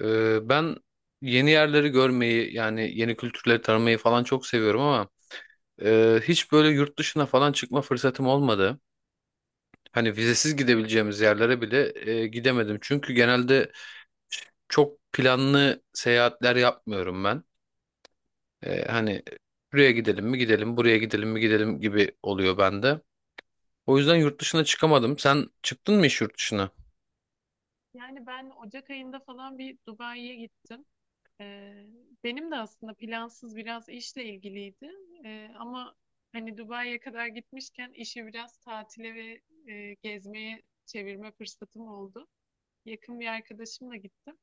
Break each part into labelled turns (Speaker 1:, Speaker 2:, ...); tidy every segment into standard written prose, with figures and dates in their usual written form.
Speaker 1: Ben yeni yerleri görmeyi yani yeni kültürleri tanımayı falan çok seviyorum ama hiç böyle yurt dışına falan çıkma fırsatım olmadı. Hani vizesiz gidebileceğimiz yerlere bile gidemedim. Çünkü genelde çok planlı seyahatler yapmıyorum ben. Hani buraya gidelim mi gidelim, buraya gidelim mi gidelim gibi oluyor bende. O yüzden yurt dışına çıkamadım. Sen çıktın mı hiç yurt dışına?
Speaker 2: Yani ben Ocak ayında falan bir Dubai'ye gittim. Ee, benim de aslında plansız biraz işle ilgiliydi. Ama hani Dubai'ye kadar gitmişken işi biraz tatile ve gezmeye çevirme fırsatım oldu. Yakın bir arkadaşımla gittim.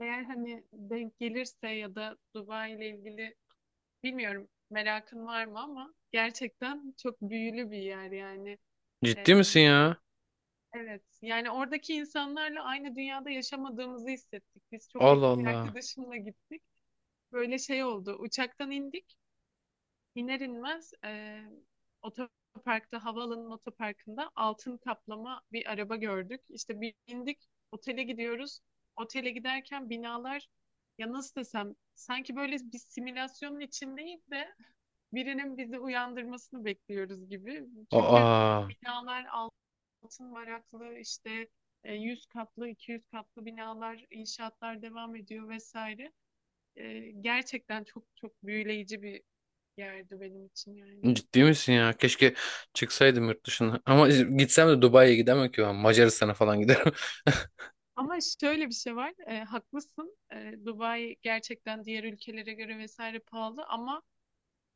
Speaker 2: Eğer hani denk gelirse ya da Dubai ile ilgili bilmiyorum merakın var mı ama gerçekten çok büyülü bir yer yani.
Speaker 1: Ciddi
Speaker 2: Ee,
Speaker 1: misin ya?
Speaker 2: Evet. Yani oradaki insanlarla aynı dünyada yaşamadığımızı hissettik. Biz çok
Speaker 1: Allah
Speaker 2: yakın bir
Speaker 1: Allah.
Speaker 2: arkadaşımla gittik. Böyle şey oldu. Uçaktan indik. İner inmez otoparkta, havaalanının otoparkında altın kaplama bir araba gördük. İşte bir indik, otele gidiyoruz. Otele giderken binalar ya nasıl desem sanki böyle bir simülasyonun içindeyiz de birinin bizi uyandırmasını bekliyoruz gibi. Çünkü
Speaker 1: Aa.
Speaker 2: binalar altın varaklı işte 100 katlı, 200 katlı binalar, inşaatlar devam ediyor vesaire. Gerçekten çok çok büyüleyici bir yerdi benim için yani.
Speaker 1: Ciddi misin ya? Keşke çıksaydım yurt dışına. Ama işte gitsem de Dubai'ye gidemem ki ben. Macaristan'a falan giderim.
Speaker 2: Ama şöyle bir şey var, haklısın. Dubai gerçekten diğer ülkelere göre vesaire pahalı ama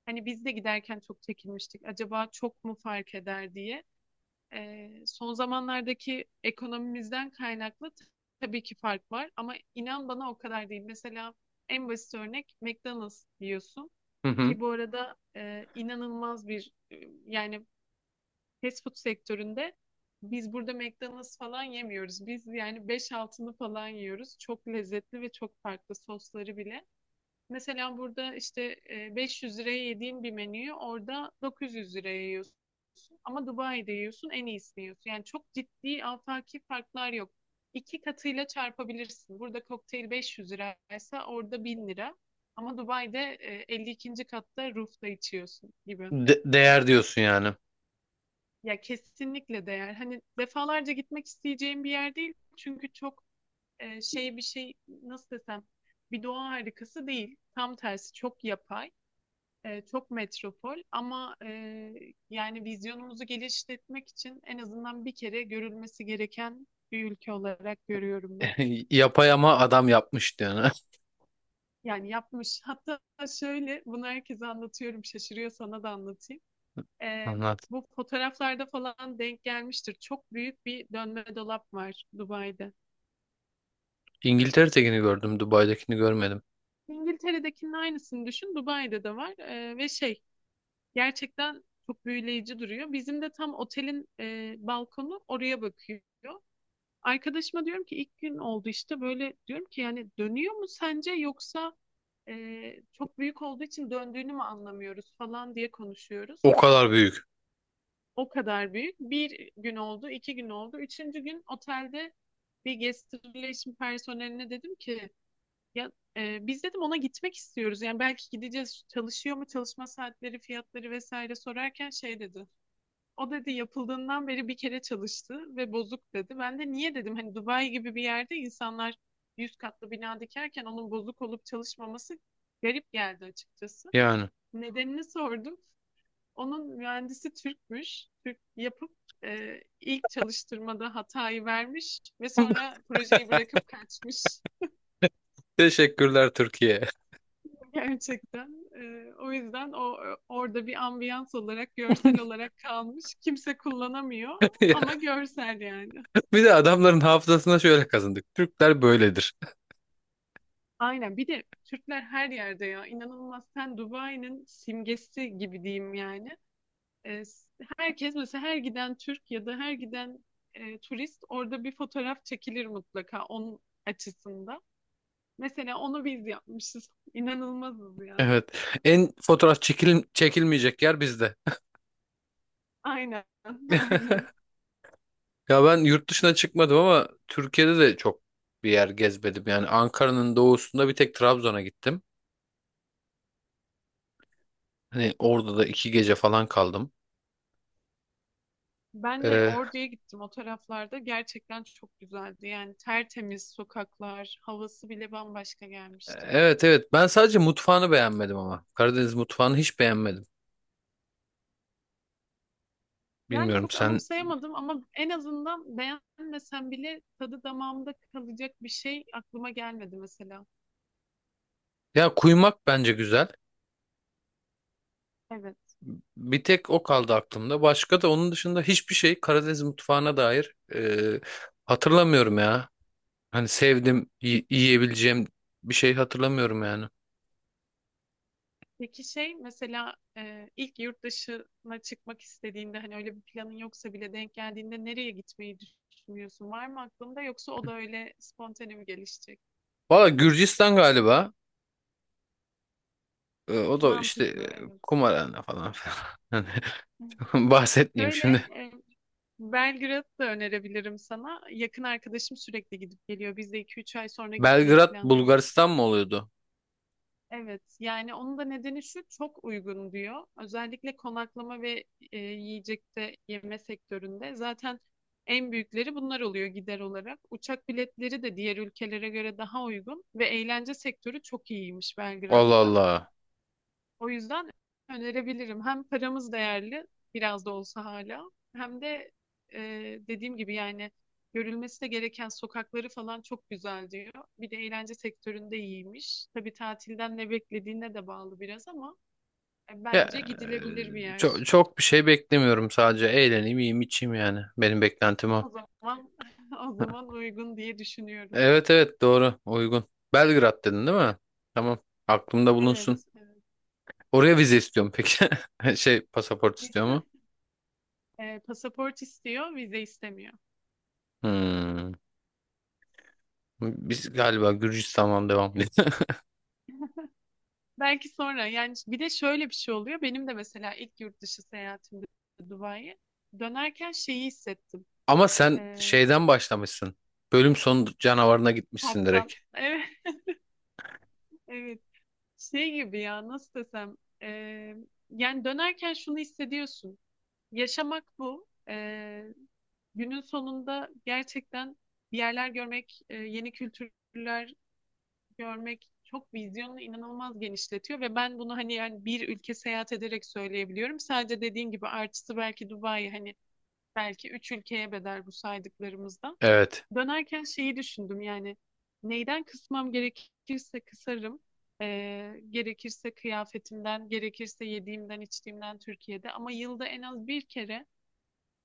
Speaker 2: hani biz de giderken çok çekinmiştik. Acaba çok mu fark eder diye. Son zamanlardaki ekonomimizden kaynaklı tabii ki fark var ama inan bana o kadar değil. Mesela en basit örnek McDonald's biliyorsun
Speaker 1: Hı hı.
Speaker 2: ki bu arada inanılmaz bir yani fast food sektöründe biz burada McDonald's falan yemiyoruz. Biz yani beş altını falan yiyoruz. Çok lezzetli ve çok farklı sosları bile. Mesela burada işte 500 liraya yediğim bir menüyü orada 900 liraya yiyorsun. Ama Dubai'de yiyorsun en iyisini yiyorsun. Yani çok ciddi afaki farklar yok. İki katıyla çarpabilirsin. Burada kokteyl 500 liraysa orada 1.000 lira. Ama Dubai'de 52. katta roof'ta içiyorsun gibi.
Speaker 1: Değer diyorsun yani.
Speaker 2: Ya kesinlikle değer. Hani defalarca gitmek isteyeceğim bir yer değil. Çünkü çok şey bir şey nasıl desem bir doğa harikası değil. Tam tersi çok yapay. Çok metropol ama yani vizyonumuzu genişletmek için en azından bir kere görülmesi gereken bir ülke olarak görüyorum ben.
Speaker 1: Yapay ama adam yapmış yani.
Speaker 2: Yani yapmış. Hatta şöyle bunu herkese anlatıyorum. Şaşırıyor sana da anlatayım. E,
Speaker 1: Anlat.
Speaker 2: bu fotoğraflarda falan denk gelmiştir. Çok büyük bir dönme dolap var Dubai'de.
Speaker 1: İngiltere'dekini gördüm, Dubai'dekini görmedim.
Speaker 2: İngiltere'dekinin aynısını düşün. Dubai'de de var. Ve şey gerçekten çok büyüleyici duruyor. Bizim de tam otelin balkonu oraya bakıyor. Arkadaşıma diyorum ki ilk gün oldu işte böyle diyorum ki yani dönüyor mu sence yoksa e, çok büyük olduğu için döndüğünü mü anlamıyoruz falan diye konuşuyoruz.
Speaker 1: O kadar büyük.
Speaker 2: O kadar büyük. Bir gün oldu, 2 gün oldu. Üçüncü gün otelde bir guest relation personeline dedim ki ya biz dedim ona gitmek istiyoruz. Yani belki gideceğiz çalışıyor mu çalışma saatleri fiyatları vesaire sorarken şey dedi. O dedi yapıldığından beri bir kere çalıştı ve bozuk dedi. Ben de niye dedim hani Dubai gibi bir yerde insanlar 100 katlı bina dikerken onun bozuk olup çalışmaması garip geldi açıkçası.
Speaker 1: Yani.
Speaker 2: Nedenini sordum. Onun mühendisi Türkmüş. Türk yapıp ilk çalıştırmada hatayı vermiş ve sonra projeyi bırakıp kaçmış.
Speaker 1: Teşekkürler Türkiye.
Speaker 2: Gerçekten. O yüzden o orada bir ambiyans olarak, görsel olarak kalmış. Kimse kullanamıyor ama
Speaker 1: Ya,
Speaker 2: görsel yani.
Speaker 1: bir de adamların hafızasına şöyle kazındık. Türkler böyledir.
Speaker 2: Aynen. Bir de Türkler her yerde ya. İnanılmaz. Sen Dubai'nin simgesi gibi diyeyim yani. Ee, s- herkes mesela her giden Türk ya da her giden turist orada bir fotoğraf çekilir mutlaka onun açısında. Mesela onu biz yapmışız. İnanılmazız ya.
Speaker 1: Evet. En fotoğraf çekil çekilmeyecek yer bizde.
Speaker 2: Aynen. Aynen.
Speaker 1: Ya ben yurt dışına çıkmadım ama Türkiye'de de çok bir yer gezmedim. Yani Ankara'nın doğusunda bir tek Trabzon'a gittim. Hani orada da iki gece falan kaldım.
Speaker 2: Ben de
Speaker 1: Ee,
Speaker 2: Ordu'ya gittim o taraflarda. Gerçekten çok güzeldi. Yani tertemiz sokaklar, havası bile bambaşka gelmişti.
Speaker 1: evet, evet, ben sadece mutfağını beğenmedim ama. Karadeniz mutfağını hiç beğenmedim.
Speaker 2: Yani
Speaker 1: Bilmiyorum
Speaker 2: çok
Speaker 1: sen.
Speaker 2: anımsayamadım ama en azından beğenmesem bile tadı damağımda kalacak bir şey aklıma gelmedi mesela.
Speaker 1: Ya kuymak bence güzel.
Speaker 2: Evet.
Speaker 1: Bir tek o kaldı aklımda. Başka da onun dışında hiçbir şey Karadeniz mutfağına dair hatırlamıyorum ya. Hani sevdim, yiyebileceğim bir şey hatırlamıyorum yani.
Speaker 2: Peki şey mesela ilk yurt dışına çıkmak istediğinde hani öyle bir planın yoksa bile denk geldiğinde nereye gitmeyi düşünüyorsun? Var mı aklında yoksa o da öyle spontane mi gelişecek?
Speaker 1: Valla Gürcistan galiba. O da işte
Speaker 2: Mantıklı, evet.
Speaker 1: kumarhane falan filan. Hani bahsetmeyeyim
Speaker 2: Şöyle
Speaker 1: şimdi.
Speaker 2: e, Belgrad'ı da önerebilirim sana. Yakın arkadaşım sürekli gidip geliyor. Biz de 2-3 ay sonra gitmeyi
Speaker 1: Belgrad
Speaker 2: planlıyoruz.
Speaker 1: Bulgaristan mı oluyordu?
Speaker 2: Evet, yani onun da nedeni şu, çok uygun diyor. Özellikle konaklama ve yiyecekte yeme sektöründe zaten en büyükleri bunlar oluyor gider olarak. Uçak biletleri de diğer ülkelere göre daha uygun ve eğlence sektörü çok iyiymiş
Speaker 1: Allah
Speaker 2: Belgrad'da.
Speaker 1: Allah.
Speaker 2: O yüzden önerebilirim. Hem paramız değerli biraz da olsa hala, hem de e, dediğim gibi yani görülmesi de gereken sokakları falan çok güzel diyor. Bir de eğlence sektöründe iyiymiş. Tabii tatilden ne beklediğine de bağlı biraz ama bence
Speaker 1: Ya
Speaker 2: gidilebilir bir yer.
Speaker 1: çok çok bir şey beklemiyorum, sadece eğleneyim, yiyeyim, içeyim yani. Benim beklentim o.
Speaker 2: O zaman o zaman uygun diye düşünüyorum.
Speaker 1: Evet, evet, doğru, uygun. Belgrad dedin değil mi? Tamam. Aklımda bulunsun.
Speaker 2: Evet.
Speaker 1: Oraya vize istiyorum peki. Şey, pasaport istiyor
Speaker 2: Evet.
Speaker 1: mu?
Speaker 2: Pasaport istiyor, vize istemiyor.
Speaker 1: Hmm. Biz galiba Gürcistan'dan devam edelim.
Speaker 2: Belki sonra yani bir de şöyle bir şey oluyor. Benim de mesela ilk yurt dışı seyahatimde Dubai'ye dönerken şeyi hissettim.
Speaker 1: Ama sen
Speaker 2: Ee,
Speaker 1: şeyden başlamışsın. Bölüm sonu canavarına gitmişsin
Speaker 2: kaptan.
Speaker 1: direkt.
Speaker 2: Evet, evet. Şey gibi ya nasıl desem. Ee, yani dönerken şunu hissediyorsun. Yaşamak bu. Günün sonunda gerçekten bir yerler görmek, yeni kültürler görmek çok vizyonunu inanılmaz genişletiyor ve ben bunu hani yani bir ülke seyahat ederek söyleyebiliyorum. Sadece dediğin gibi artısı belki Dubai hani belki üç ülkeye bedel bu saydıklarımızdan.
Speaker 1: Evet.
Speaker 2: Dönerken şeyi düşündüm yani neyden kısmam gerekirse kısarım. Gerekirse kıyafetimden, gerekirse yediğimden, içtiğimden Türkiye'de. Ama yılda en az bir kere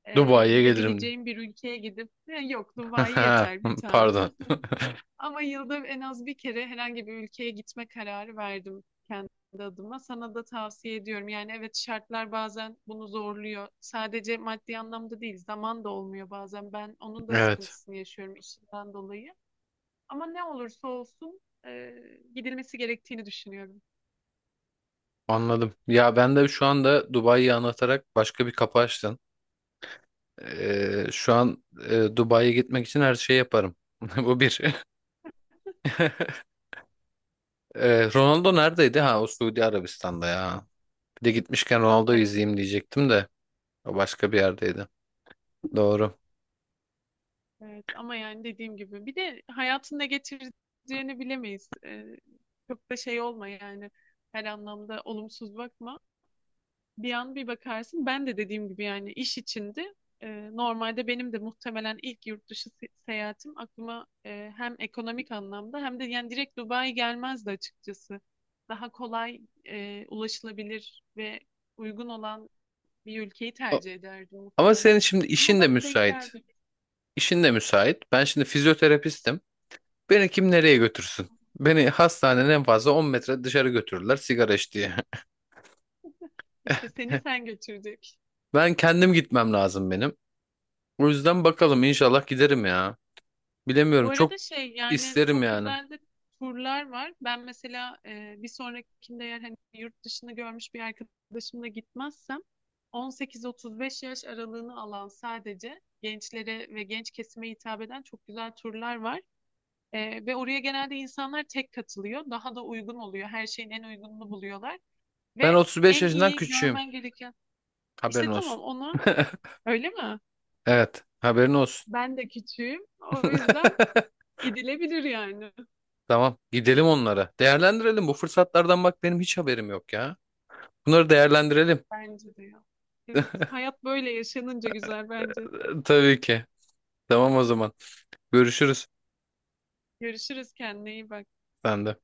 Speaker 1: Dubai'ye gelirim.
Speaker 2: gidebileceğim bir ülkeye gidip "Ya yok Dubai yeter bir tane.
Speaker 1: Pardon.
Speaker 2: Ama yılda en az bir kere herhangi bir ülkeye gitme kararı verdim kendi adıma. Sana da tavsiye ediyorum. Yani evet, şartlar bazen bunu zorluyor. Sadece maddi anlamda değil, zaman da olmuyor bazen. Ben onun da
Speaker 1: Evet.
Speaker 2: sıkıntısını yaşıyorum işimden dolayı. Ama ne olursa olsun gidilmesi gerektiğini düşünüyorum.
Speaker 1: Anladım. Ya ben de şu anda Dubai'yi anlatarak başka bir kapı açtın. Şu an Dubai'ye gitmek için her şeyi yaparım. Bu bir. Ronaldo neredeydi? Ha, o Suudi Arabistan'da ya. Bir de gitmişken Ronaldo'yu
Speaker 2: Evet,
Speaker 1: izleyeyim diyecektim de o başka bir yerdeydi. Doğru.
Speaker 2: evet. Ama yani dediğim gibi bir de hayatın ne getireceğini bilemeyiz. Çok da şey olma yani her anlamda olumsuz bakma. Bir an bir bakarsın. Ben de dediğim gibi yani iş içindi. Normalde benim de muhtemelen ilk yurt dışı seyahatim aklıma hem ekonomik anlamda hem de yani direkt Dubai gelmezdi açıkçası. Daha kolay ulaşılabilir ve uygun olan bir ülkeyi
Speaker 1: O-
Speaker 2: tercih ederdim
Speaker 1: Ama
Speaker 2: muhtemelen.
Speaker 1: senin şimdi
Speaker 2: Ama
Speaker 1: işin de
Speaker 2: bak denk
Speaker 1: müsait.
Speaker 2: geldi.
Speaker 1: İşin de müsait. Ben şimdi fizyoterapistim. Beni kim nereye götürsün? Beni hastanenin en fazla 10 metre dışarı götürürler sigara iç diye.
Speaker 2: İşte seni sen götürdük.
Speaker 1: Ben kendim gitmem lazım benim. O yüzden bakalım inşallah giderim ya.
Speaker 2: Bu
Speaker 1: Bilemiyorum, çok
Speaker 2: arada şey yani
Speaker 1: isterim
Speaker 2: çok
Speaker 1: yani.
Speaker 2: güzel de turlar var. Ben mesela bir sonrakinde eğer hani yurt dışını görmüş bir arkadaşımla gitmezsem 18-35 yaş aralığını alan sadece gençlere ve genç kesime hitap eden çok güzel turlar var. Ve oraya genelde insanlar tek katılıyor. Daha da uygun oluyor. Her şeyin en uygununu buluyorlar.
Speaker 1: Ben
Speaker 2: Ve
Speaker 1: 35
Speaker 2: en
Speaker 1: yaşından
Speaker 2: iyi
Speaker 1: küçüğüm.
Speaker 2: görmen gereken...
Speaker 1: Haberin
Speaker 2: İşte tamam
Speaker 1: olsun.
Speaker 2: ona öyle mi?
Speaker 1: Evet, haberin olsun.
Speaker 2: Ben de küçüğüm. O yüzden gidilebilir yani.
Speaker 1: Tamam, gidelim onlara. Değerlendirelim bu fırsatlardan, bak benim hiç haberim yok ya. Bunları değerlendirelim.
Speaker 2: Bence de ya. Evet, hayat böyle yaşanınca güzel bence.
Speaker 1: Tabii ki. Tamam o zaman. Görüşürüz.
Speaker 2: Görüşürüz, kendine iyi bak.
Speaker 1: Ben de.